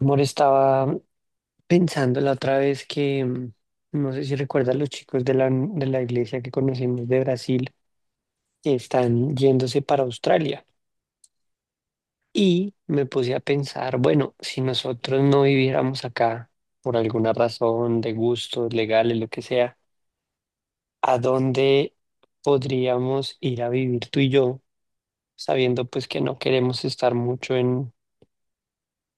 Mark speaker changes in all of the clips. Speaker 1: Amor, estaba pensando la otra vez que, no sé si recuerdas los chicos de la iglesia que conocimos de Brasil, que están yéndose para Australia. Y me puse a pensar, bueno, si nosotros no viviéramos acá por alguna razón de gustos legales, lo que sea, ¿a dónde podríamos ir a vivir tú y yo, sabiendo pues que no queremos estar mucho en,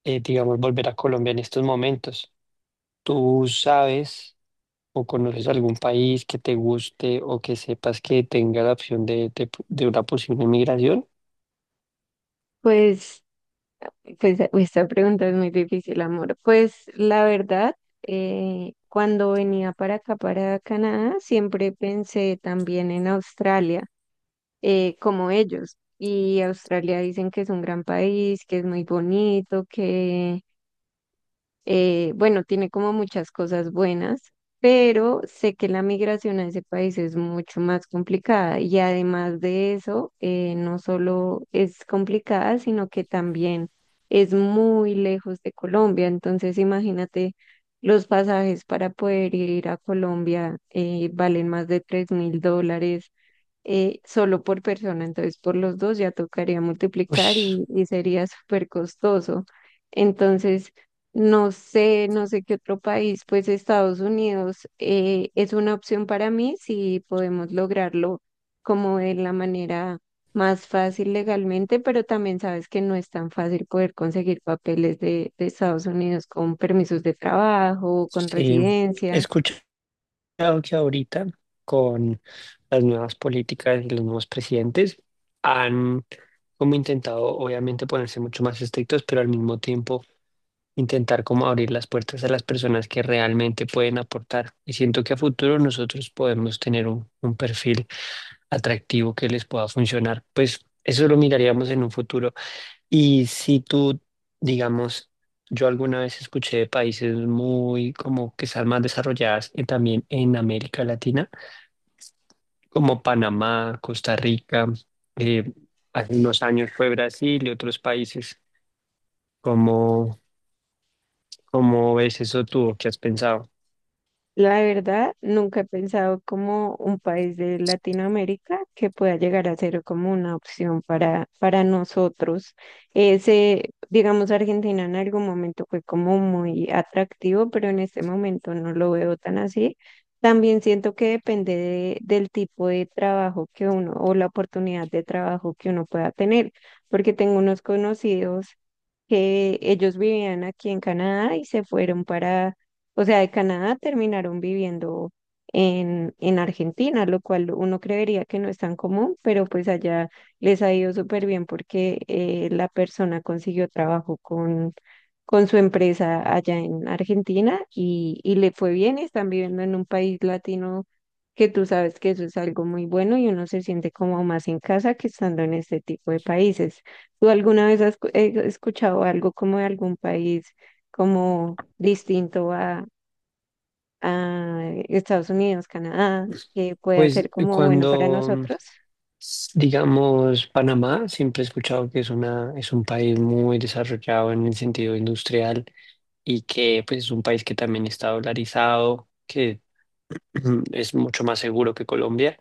Speaker 1: eh, digamos, volver a Colombia en estos momentos? Tú sabes, o conoces algún país que te guste o que sepas que tenga la opción de una posible migración.
Speaker 2: Pues, pues, esta pregunta es muy difícil, amor. Pues la verdad, cuando venía para acá, para Canadá, siempre pensé también en Australia, como ellos. Y Australia dicen que es un gran país, que es muy bonito, que bueno, tiene como muchas cosas buenas, pero sé que la migración a ese país es mucho más complicada y además de eso, no solo es complicada, sino que también es muy lejos de Colombia. Entonces, imagínate, los pasajes para poder ir a Colombia valen más de $3000 solo por persona. Entonces, por los dos ya tocaría multiplicar
Speaker 1: Ush,
Speaker 2: y sería súper costoso. Entonces, no sé qué otro país, pues Estados Unidos es una opción para mí si podemos lograrlo como de la manera más fácil legalmente, pero también sabes que no es tan fácil poder conseguir papeles de Estados Unidos con permisos de trabajo, con
Speaker 1: sí, he
Speaker 2: residencia.
Speaker 1: escuchado que ahorita con las nuevas políticas y los nuevos presidentes han como intentado obviamente ponerse mucho más estrictos, pero al mismo tiempo intentar como abrir las puertas a las personas que realmente pueden aportar. Y siento que a futuro nosotros podemos tener un perfil atractivo que les pueda funcionar. Pues eso lo miraríamos en un futuro. Y si tú, digamos, yo alguna vez escuché de países muy como que están más desarrolladas y también en América Latina, como Panamá, Costa Rica, eh, hace unos años fue Brasil y otros países. ¿Cómo, cómo ves eso tú? ¿O qué has pensado?
Speaker 2: La verdad, nunca he pensado como un país de Latinoamérica que pueda llegar a ser como una opción para nosotros. Ese, digamos, Argentina en algún momento fue como muy atractivo, pero en este momento no lo veo tan así. También siento que depende del tipo de trabajo que uno o la oportunidad de trabajo que uno pueda tener, porque tengo unos conocidos que ellos vivían aquí en Canadá y se fueron para, o sea, de Canadá terminaron viviendo en Argentina, lo cual uno creería que no es tan común, pero pues allá les ha ido súper bien porque la persona consiguió trabajo con su empresa allá en Argentina y le fue bien y están viviendo en un país latino. Que tú sabes que eso es algo muy bueno y uno se siente como más en casa que estando en este tipo de países. ¿Tú alguna vez has escuchado algo como de algún país como distinto a Estados Unidos, Canadá, que pueda
Speaker 1: Pues
Speaker 2: ser como bueno para nosotros?
Speaker 1: digamos, Panamá, siempre he escuchado que es es un país muy desarrollado en el sentido industrial y que pues es un país que también está dolarizado, que es mucho más seguro que Colombia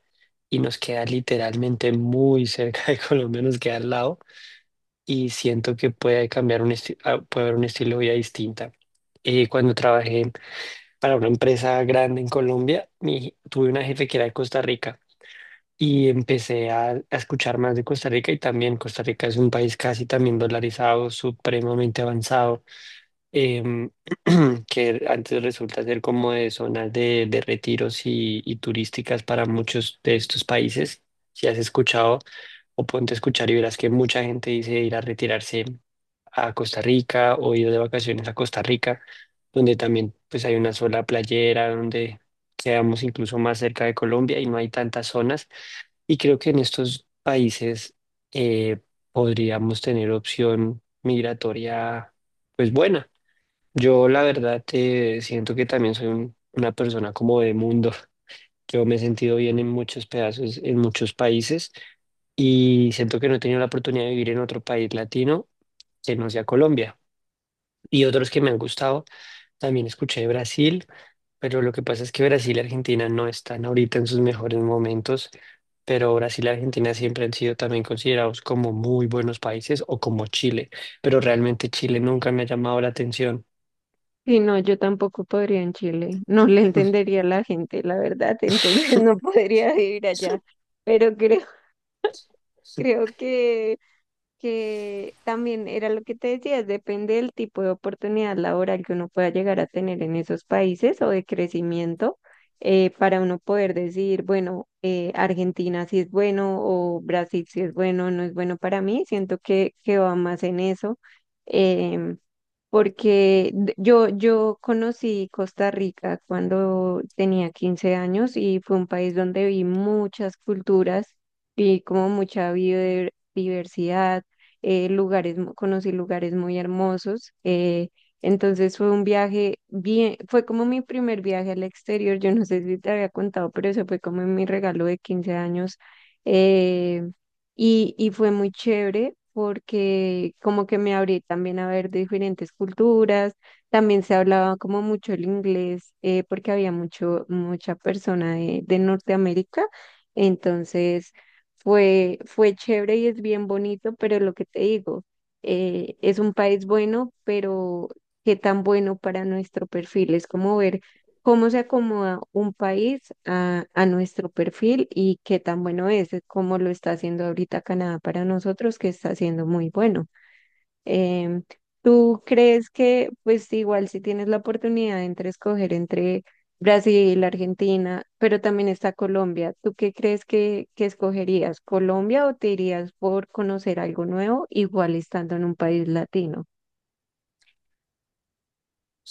Speaker 1: y nos queda literalmente muy cerca de Colombia, nos queda al lado, y siento que puede cambiar un puede haber un estilo de vida distinta. Cuando trabajé para una empresa grande en Colombia, tuve una jefe que era de Costa Rica y empecé a escuchar más de Costa Rica, y también Costa Rica es un país casi también dolarizado, supremamente avanzado, em, que antes resulta ser como de zonas de retiros y turísticas para muchos de estos países. Si has escuchado o ponte a escuchar, y verás que mucha gente dice ir a retirarse a Costa Rica o ir de vacaciones a Costa Rica, donde también pues hay una sola playera, donde quedamos incluso más cerca de Colombia y no hay tantas zonas. Y creo que en estos países eh, podríamos tener opción migratoria pues buena. Yo la verdad, siento que también soy una persona como de mundo. Yo me he sentido bien en muchos pedazos, en muchos países, y siento que no he tenido la oportunidad de vivir en otro país latino que no sea Colombia. Y otros que me han gustado, también escuché de Brasil, pero lo que pasa es que Brasil y Argentina no están ahorita en sus mejores momentos, pero Brasil y Argentina siempre han sido también considerados como muy buenos países, o como Chile, pero realmente Chile nunca me ha llamado la atención.
Speaker 2: Y no, yo tampoco podría en Chile. No le entendería a la gente, la verdad, entonces no podría vivir allá. Pero creo, creo que también era lo que te decía, depende del tipo de oportunidad laboral que uno pueda llegar a tener en esos países o de crecimiento para uno poder decir, bueno, Argentina sí es bueno o Brasil sí es bueno, no es bueno para mí, siento que va más en eso. em, Porque yo, yo conocí Costa Rica cuando tenía 15 años y fue un país donde vi muchas culturas y como mucha biodiversidad, lugares, conocí lugares muy hermosos. Entonces fue un viaje bien, fue como mi primer viaje al exterior, yo no sé si te había contado, pero eso fue como mi regalo de 15 años. eh, y fue muy chévere porque como que me abrí también a ver diferentes culturas, también se hablaba como mucho el inglés porque había mucha persona de Norteamérica, entonces fue chévere y es bien bonito, pero lo que te digo, es un país bueno, pero qué tan bueno para nuestro perfil, es como ver cómo se acomoda un país a nuestro perfil y qué tan bueno es, cómo lo está haciendo ahorita Canadá para nosotros, que está haciendo muy bueno. Em, ¿Tú crees pues igual si tienes la oportunidad entre escoger entre Brasil, Argentina, pero también está Colombia, ¿tú qué crees que escogerías? ¿Colombia o te irías por conocer algo nuevo, igual estando en un país latino?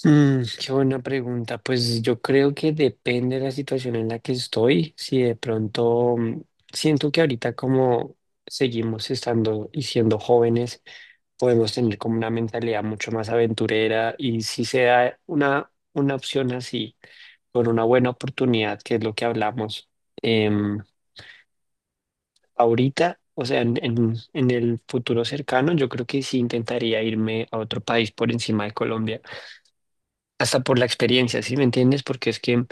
Speaker 1: Mm, qué buena pregunta. Pues yo creo que depende de la situación en la que estoy. Si de pronto, siento que ahorita, como seguimos estando y siendo jóvenes, podemos tener como una mentalidad mucho más aventurera, y si se da una opción así, con una buena oportunidad, que es lo que hablamos, em, ahorita, o sea, en el futuro cercano, yo creo que sí intentaría irme a otro país por encima de Colombia, hasta por la experiencia, ¿sí me entiendes? Porque es que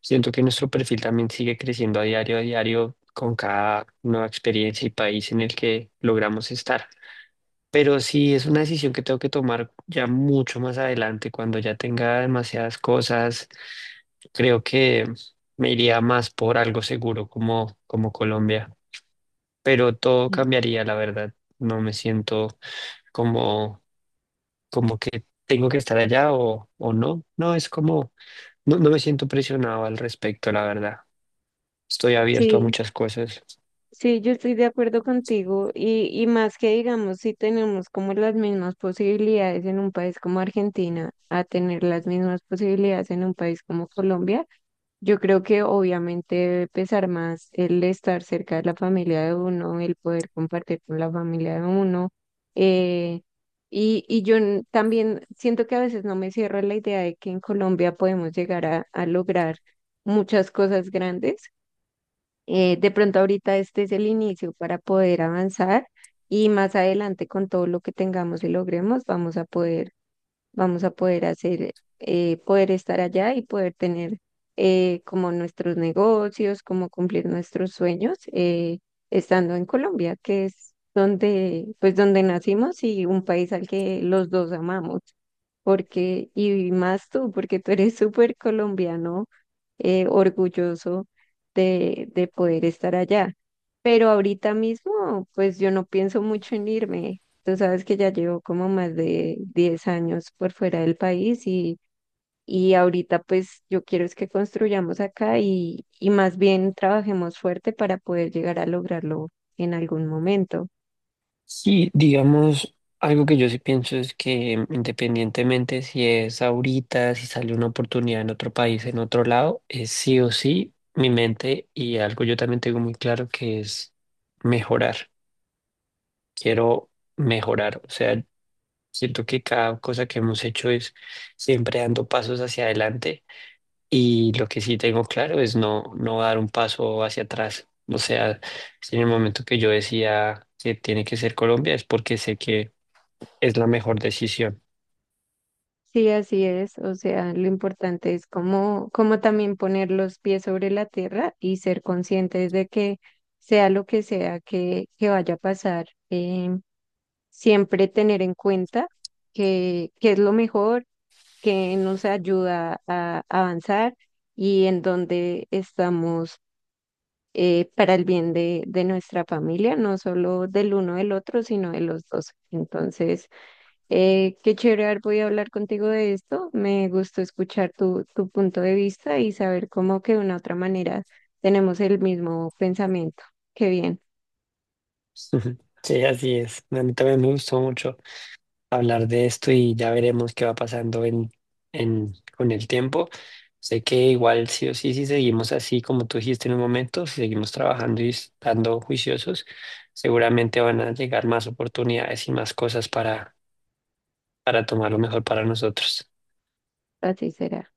Speaker 1: siento que nuestro perfil también sigue creciendo a diario, con cada nueva experiencia y país en el que logramos estar. Pero sí es una decisión que tengo que tomar ya mucho más adelante, cuando ya tenga demasiadas cosas. Creo que me iría más por algo seguro como, como Colombia. Pero todo
Speaker 2: Mm.
Speaker 1: cambiaría, la verdad. No me siento como, como que tengo que estar allá o no. No, es como no, no me siento presionado al respecto, la verdad. Estoy abierto a
Speaker 2: Sí,
Speaker 1: muchas cosas.
Speaker 2: sí, yo estoy de acuerdo contigo y más que digamos, si tenemos como las mismas posibilidades en un país como Argentina a tener las mismas posibilidades en un país como Colombia, yo creo que obviamente debe pesar más el estar cerca de la familia de uno, el poder compartir con la familia de uno. eh, y yo también siento que a veces no me cierro a la idea de que en Colombia podemos llegar a lograr muchas cosas grandes de pronto ahorita este es el inicio para poder avanzar y más adelante con todo lo que tengamos y logremos vamos a poder hacer, poder estar allá y poder tener como nuestros negocios, como cumplir nuestros sueños estando en Colombia, que es donde, pues donde nacimos y un país al que los dos amamos, porque, y más tú, porque tú eres súper colombiano, orgulloso de poder estar allá. Pero ahorita mismo, pues yo no pienso mucho en irme. Tú sabes que ya llevo como más de 10 años por fuera del país y ahorita pues yo quiero es que construyamos acá y más bien trabajemos fuerte para poder llegar a lograrlo en algún momento.
Speaker 1: Sí, digamos, algo que yo sí pienso es que, independientemente si es ahorita, si sale una oportunidad en otro país, en otro lado, es sí o sí mi mente, y algo yo también tengo muy claro que es mejorar. Quiero mejorar. O sea, siento que cada cosa que hemos hecho es siempre dando pasos hacia adelante. Y lo que sí tengo claro es no, no dar un paso hacia atrás. O sea, si en el momento que yo decía que tiene que ser Colombia es porque sé que es la mejor decisión.
Speaker 2: Sí, así es. O sea, lo importante es como, como también poner los pies sobre la tierra y ser conscientes de que sea lo que sea que vaya a pasar, siempre tener en cuenta que es lo mejor que nos ayuda a avanzar y en donde estamos para el bien de nuestra familia, no solo del uno del otro, sino de los dos. Entonces, qué chévere haber podido hablar contigo de esto. Me gustó escuchar tu punto de vista y saber cómo que de una u otra manera tenemos el mismo pensamiento. Qué bien,
Speaker 1: Ujú. Sí, así es. A mí también me gustó mucho hablar de esto, y ya veremos qué va pasando en, con el tiempo. Sé que igual sí o sí, si seguimos así como tú dijiste en un momento, si seguimos trabajando y estando juiciosos, seguramente van a llegar más oportunidades y más cosas para tomar lo mejor para nosotros.
Speaker 2: así será.